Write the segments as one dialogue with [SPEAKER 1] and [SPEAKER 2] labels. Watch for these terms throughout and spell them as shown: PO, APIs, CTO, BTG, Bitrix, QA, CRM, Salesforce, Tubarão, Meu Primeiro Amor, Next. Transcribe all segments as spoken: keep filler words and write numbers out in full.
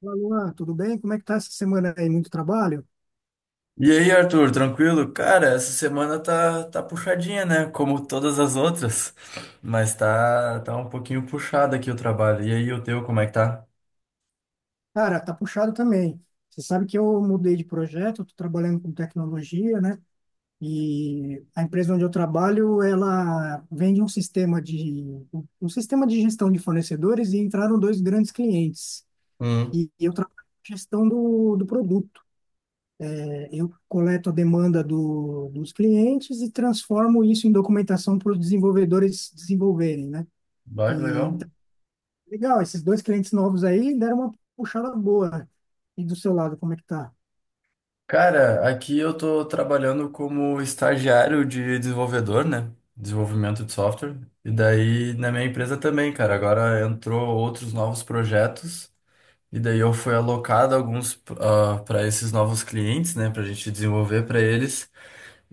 [SPEAKER 1] Olá, Luan, tudo bem? Como é que tá essa semana aí? Muito trabalho?
[SPEAKER 2] E aí, Arthur, tranquilo? Cara, essa semana tá, tá puxadinha, né? Como todas as outras. Mas tá, tá um pouquinho puxado aqui o trabalho. E aí, o teu, como é que tá?
[SPEAKER 1] Cara, tá puxado também. Você sabe que eu mudei de projeto, estou trabalhando com tecnologia, né? E a empresa onde eu trabalho, ela vende um sistema de um sistema de gestão de fornecedores e entraram dois grandes clientes.
[SPEAKER 2] Hum.
[SPEAKER 1] E eu trabalho com gestão do, do produto. É, Eu coleto a demanda do, dos clientes e transformo isso em documentação para os desenvolvedores desenvolverem, né?
[SPEAKER 2] Bah, que
[SPEAKER 1] E
[SPEAKER 2] legal.
[SPEAKER 1] Legal, esses dois clientes novos aí deram uma puxada boa, né? E do seu lado, como é que tá?
[SPEAKER 2] Cara, aqui eu tô trabalhando como estagiário de desenvolvedor, né? Desenvolvimento de software. E daí, na minha empresa também, cara. Agora entrou outros novos projetos. E daí eu fui alocado alguns para esses novos clientes, né? Pra gente desenvolver para eles.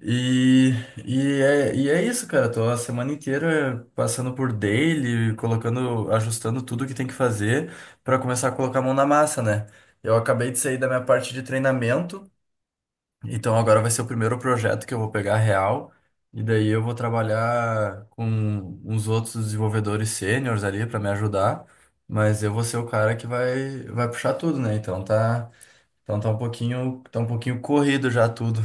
[SPEAKER 2] E, e, é, e é isso, cara. Tô a semana inteira passando por daily, colocando, ajustando tudo que tem que fazer pra começar a colocar a mão na massa, né? Eu acabei de sair da minha parte de treinamento, então agora vai ser o primeiro projeto que eu vou pegar real. E daí eu vou trabalhar com uns outros desenvolvedores sêniores ali pra me ajudar, mas eu vou ser o cara que vai, vai puxar tudo, né? Então tá, então tá um pouquinho, tá um pouquinho corrido já tudo.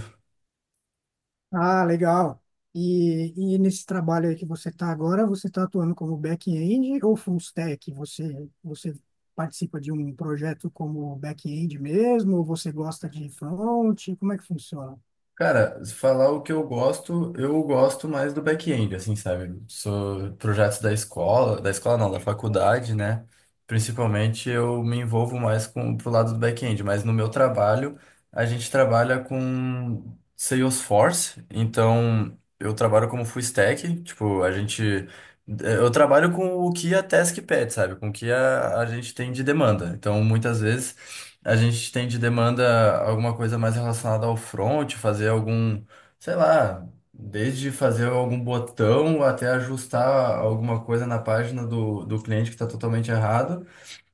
[SPEAKER 1] Ah, legal. E, e nesse trabalho aí que você está agora, você está atuando como back-end ou full stack? Você, você participa de um projeto como back-end mesmo? Ou você gosta de front? Como é que funciona?
[SPEAKER 2] Cara, se falar o que eu gosto, eu gosto mais do back-end, assim, sabe? Sou projetos da escola, da escola não, da faculdade, né? Principalmente eu me envolvo mais com pro lado do back-end, mas no meu trabalho a gente trabalha com Salesforce, então eu trabalho como full stack, tipo, a gente eu trabalho com o que a task pede, sabe? Com o que a, a gente tem de demanda. Então, muitas vezes a gente tem de demanda alguma coisa mais relacionada ao front, fazer algum, sei lá, desde fazer algum botão até ajustar alguma coisa na página do, do cliente que está totalmente errado.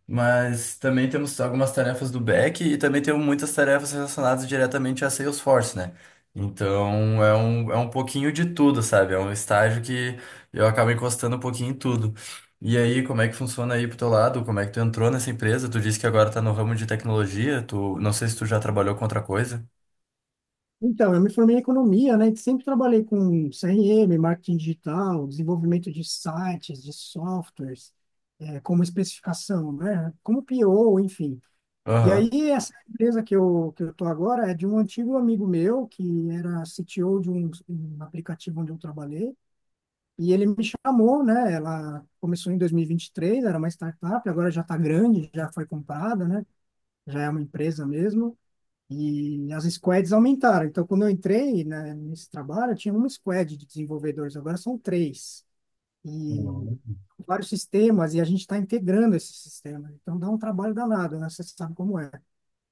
[SPEAKER 2] Mas também temos algumas tarefas do back e também temos muitas tarefas relacionadas diretamente a Salesforce, né? Então é um, é um pouquinho de tudo, sabe? É um estágio que eu acabo encostando um pouquinho em tudo. E aí, como é que funciona aí pro teu lado? Como é que tu entrou nessa empresa? Tu disse que agora tá no ramo de tecnologia, tu não sei se tu já trabalhou com outra coisa.
[SPEAKER 1] Então, eu me formei em economia, né? E sempre trabalhei com C R M, marketing digital, desenvolvimento de sites, de softwares, eh, como especificação, né? Como P O, enfim. E aí,
[SPEAKER 2] Aham.
[SPEAKER 1] essa empresa que eu, que eu tô agora é de um antigo amigo meu, que era C T O de um, um aplicativo onde eu trabalhei, e ele me chamou, né? Ela começou em dois mil e e vinte e três. Era uma startup, agora já está grande, já foi comprada, né? Já é uma empresa mesmo, e as squads aumentaram. Então, quando eu entrei, né, nesse trabalho, tinha uma squad de desenvolvedores, agora são três.
[SPEAKER 2] Uhum.
[SPEAKER 1] E vários sistemas, e a gente está integrando esse sistema. Então, dá um trabalho danado, né? Você sabe como é.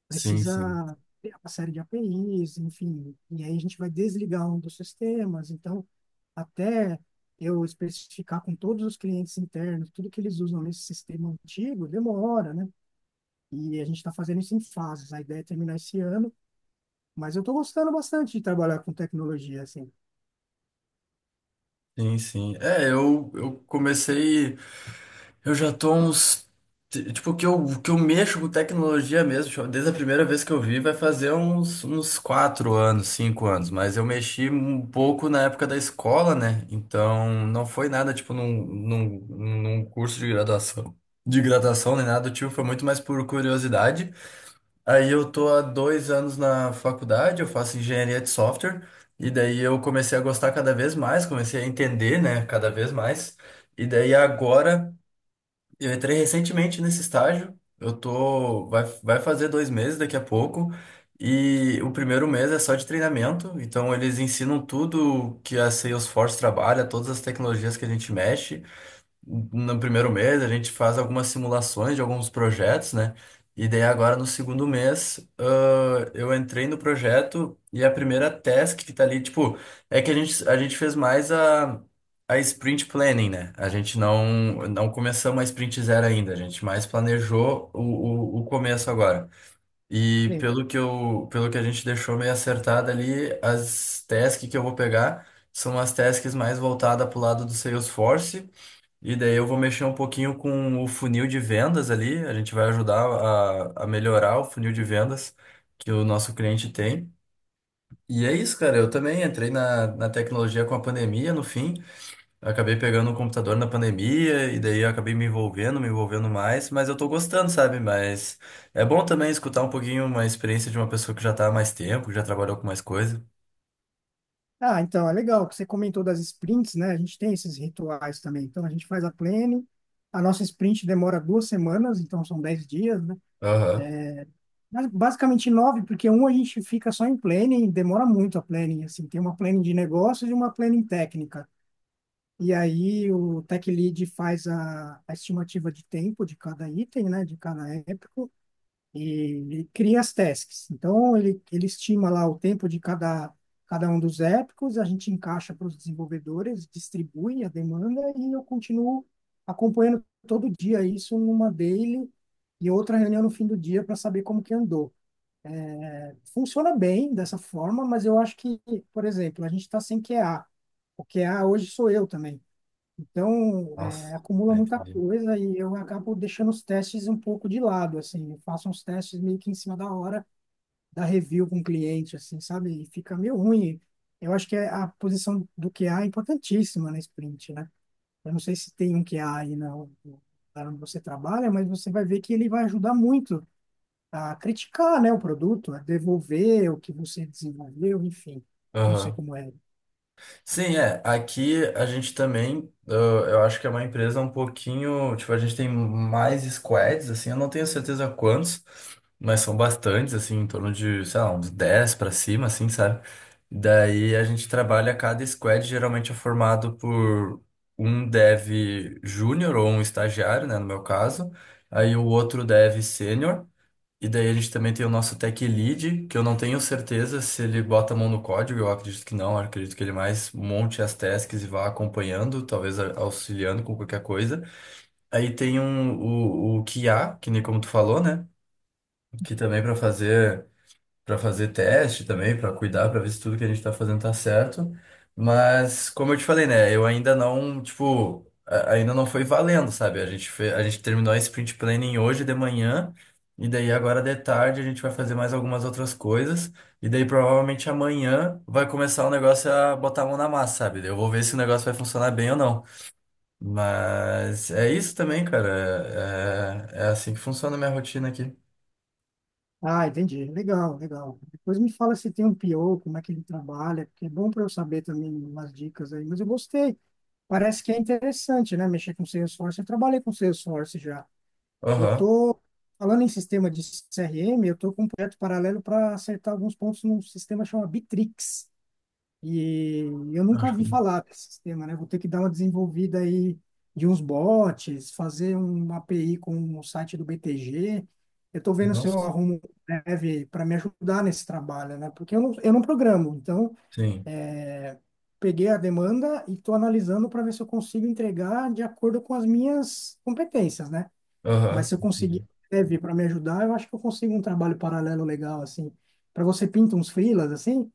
[SPEAKER 2] Sim, sim.
[SPEAKER 1] Precisa ter uma série de A P Is, enfim, e aí a gente vai desligar um dos sistemas. Então, até eu especificar com todos os clientes internos tudo que eles usam nesse sistema antigo, demora, né? E a gente está fazendo isso em fases. A ideia é terminar esse ano, mas eu estou gostando bastante de trabalhar com tecnologia, assim.
[SPEAKER 2] Sim, sim. É, eu, eu comecei. Eu já tô uns. t- Tipo, que eu, que eu mexo com tecnologia mesmo, tipo, desde a primeira vez que eu vi, vai fazer uns, uns quatro anos, cinco anos, mas eu mexi um pouco na época da escola, né? Então, não foi nada, tipo, num, num, num curso de graduação. De graduação nem nada do tipo, foi muito mais por curiosidade. Aí eu tô há dois anos na faculdade, eu faço engenharia de software, e daí eu comecei a gostar cada vez mais, comecei a entender, né, cada vez mais. E daí agora. Eu entrei recentemente nesse estágio. Eu tô, vai, vai fazer dois meses daqui a pouco. E o primeiro mês é só de treinamento. Então eles ensinam tudo que a Salesforce trabalha, todas as tecnologias que a gente mexe no primeiro mês a gente faz algumas simulações de alguns projetos, né? E daí agora no segundo mês, ah, eu entrei no projeto e a primeira task que tá ali, tipo, é que a gente, a gente fez mais a, a sprint planning, né? A gente não, não começamos a sprint zero ainda, a gente mais planejou o, o, o começo agora. E
[SPEAKER 1] Bem,
[SPEAKER 2] pelo que eu, pelo que a gente deixou meio acertado ali, as tasks que eu vou pegar são as tasks mais voltadas pro lado do Salesforce e daí eu vou mexer um pouquinho com o funil de vendas ali. A gente vai ajudar a, a melhorar o funil de vendas que o nosso cliente tem. E é isso, cara. Eu também entrei na, na tecnologia com a pandemia, no fim. Eu acabei pegando um computador na pandemia e daí eu acabei me envolvendo, me envolvendo mais. Mas eu tô gostando, sabe? Mas é bom também escutar um pouquinho uma experiência de uma pessoa que já tá há mais tempo, que já trabalhou com mais coisa.
[SPEAKER 1] ah, então, é legal que você comentou das sprints, né? A gente tem esses rituais também. Então, a gente faz a planning, a nossa sprint demora duas semanas, então são dez dias, né?
[SPEAKER 2] Aham.
[SPEAKER 1] Mas basicamente nove, porque um a gente fica só em planning, e demora muito a planning, assim, tem uma planning de negócios e uma planning técnica. E aí o tech lead faz a, a estimativa de tempo de cada item, né, de cada épico, e ele cria as tasks. Então ele, ele estima lá o tempo de cada, cada um dos épicos, a gente encaixa para os desenvolvedores, distribui a demanda e eu continuo acompanhando todo dia isso numa daily e outra reunião no fim do dia para saber como que andou. Funciona bem dessa forma, mas eu acho que, por exemplo, a gente está sem Q A. O Q A hoje sou eu também. Então,
[SPEAKER 2] Nossa,
[SPEAKER 1] é, acumula muita
[SPEAKER 2] entendi.
[SPEAKER 1] coisa e eu acabo deixando os testes um pouco de lado, assim. Eu faço uns testes meio que em cima da hora da review com o cliente, assim, sabe? E fica meio ruim. Eu acho que a posição do Q A é importantíssima na sprint, né? Eu não sei se tem um Q A aí na, na onde você trabalha, mas você vai ver que ele vai ajudar muito a criticar, né, o produto, a devolver o que você desenvolveu, enfim, não sei
[SPEAKER 2] Aham.
[SPEAKER 1] como é.
[SPEAKER 2] Sim, é. Aqui a gente também, eu, eu acho que é uma empresa um pouquinho, tipo, a gente tem mais squads, assim, eu não tenho certeza quantos, mas são bastantes, assim, em torno de, sei lá, uns dez pra cima, assim, sabe? Daí a gente trabalha, cada squad geralmente é formado por um dev júnior ou um estagiário, né, no meu caso, aí o outro dev sênior. E daí a gente também tem o nosso tech lead, que eu não tenho certeza se ele bota a mão no código, eu acredito que não, eu acredito que ele mais monte as tasks e vá acompanhando, talvez a- auxiliando com qualquer coisa. Aí tem um, o, o Q A, que nem como tu falou, né? Que também para fazer para fazer teste também, para cuidar, para ver se tudo que a gente tá fazendo tá certo. Mas, como eu te falei, né, eu ainda não, tipo, a- ainda não foi valendo, sabe? A gente fe- a gente terminou a sprint planning hoje de manhã, e daí agora de tarde a gente vai fazer mais algumas outras coisas, e daí provavelmente amanhã vai começar o negócio a botar a mão na massa, sabe? Eu vou ver se o negócio vai funcionar bem ou não. Mas é isso também, cara. É, é é assim que funciona a minha rotina aqui.
[SPEAKER 1] Ah, entendi. Legal, legal. Depois me fala se tem um P O, como é que ele trabalha, porque é bom para eu saber também umas dicas aí. Mas eu gostei. Parece que é interessante, né, mexer com Salesforce. Eu trabalhei com Salesforce já. Eu
[SPEAKER 2] Aham.
[SPEAKER 1] tô falando em sistema de C R M, eu tô com um projeto paralelo para acertar alguns pontos num sistema chamado Bitrix. E eu nunca
[SPEAKER 2] Acho que.
[SPEAKER 1] vi falar desse sistema, né? Vou ter que dar uma desenvolvida aí de uns bots, fazer uma A P I com o site do B T G. Eu estou vendo se eu
[SPEAKER 2] Nossa.
[SPEAKER 1] arrumo um dev para me ajudar nesse trabalho, né? Porque eu não, eu não programo, então
[SPEAKER 2] Sim.
[SPEAKER 1] é, peguei a demanda e estou analisando para ver se eu consigo entregar de acordo com as minhas competências, né? Mas
[SPEAKER 2] Aham.
[SPEAKER 1] se eu conseguir
[SPEAKER 2] Entendi.
[SPEAKER 1] um dev para me ajudar, eu acho que eu consigo um trabalho paralelo legal, assim. Para você pinta uns freelas, assim?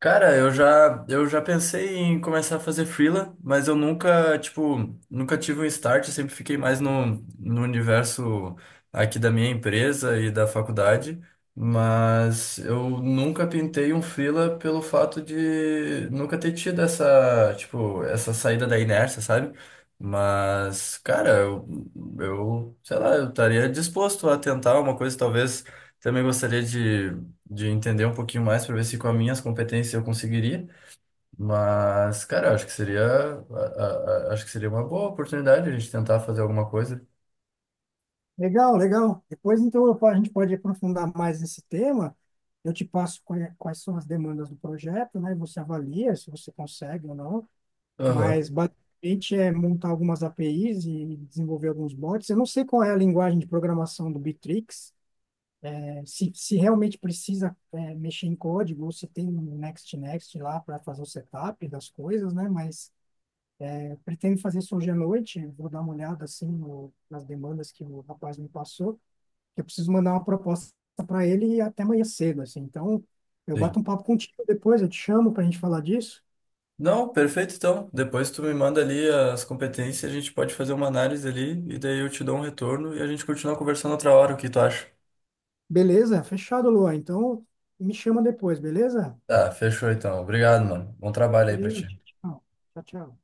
[SPEAKER 2] Cara, eu já, eu já pensei em começar a fazer freela, mas eu nunca, tipo, nunca tive um start, eu sempre fiquei mais no, no universo aqui da minha empresa e da faculdade, mas eu nunca pintei um freela pelo fato de nunca ter tido essa, tipo, essa saída da inércia, sabe? Mas, cara, eu, eu sei lá, eu estaria disposto a tentar uma coisa, talvez também gostaria de de entender um pouquinho mais para ver se com as minhas competências eu conseguiria. Mas, cara, eu acho que seria, a- a- a- acho que seria uma boa oportunidade a gente tentar fazer alguma coisa.
[SPEAKER 1] Legal, legal. Depois, então, eu po- a gente pode aprofundar mais esse tema. Eu te passo quais, quais são as demandas do projeto, né? E você avalia se você consegue ou não.
[SPEAKER 2] Aham,
[SPEAKER 1] Mas, basicamente, é montar algumas A P Is e desenvolver alguns bots. Eu não sei qual é a linguagem de programação do Bitrix, eh, se, se realmente precisa, eh, mexer em código ou se tem um Next Next lá para fazer o setup das coisas, né? Mas eh, pretendo fazer isso hoje à noite. Vou dar uma olhada, assim, no- nas demandas que o rapaz me passou, que eu preciso mandar uma proposta para ele até amanhã cedo, assim. Então, eu bato
[SPEAKER 2] sim.
[SPEAKER 1] um papo contigo depois, eu te chamo para a gente falar disso.
[SPEAKER 2] Não, perfeito, então. Depois tu me manda ali as competências, a gente pode fazer uma análise ali e daí eu te dou um retorno e a gente continua conversando outra hora, o que tu acha?
[SPEAKER 1] Beleza? Fechado, Luan. Então, me chama depois, beleza?
[SPEAKER 2] Tá, fechou então. Obrigado, mano. Bom trabalho aí pra
[SPEAKER 1] Valeu,
[SPEAKER 2] ti.
[SPEAKER 1] tchau, tchau. Tchau, tchau.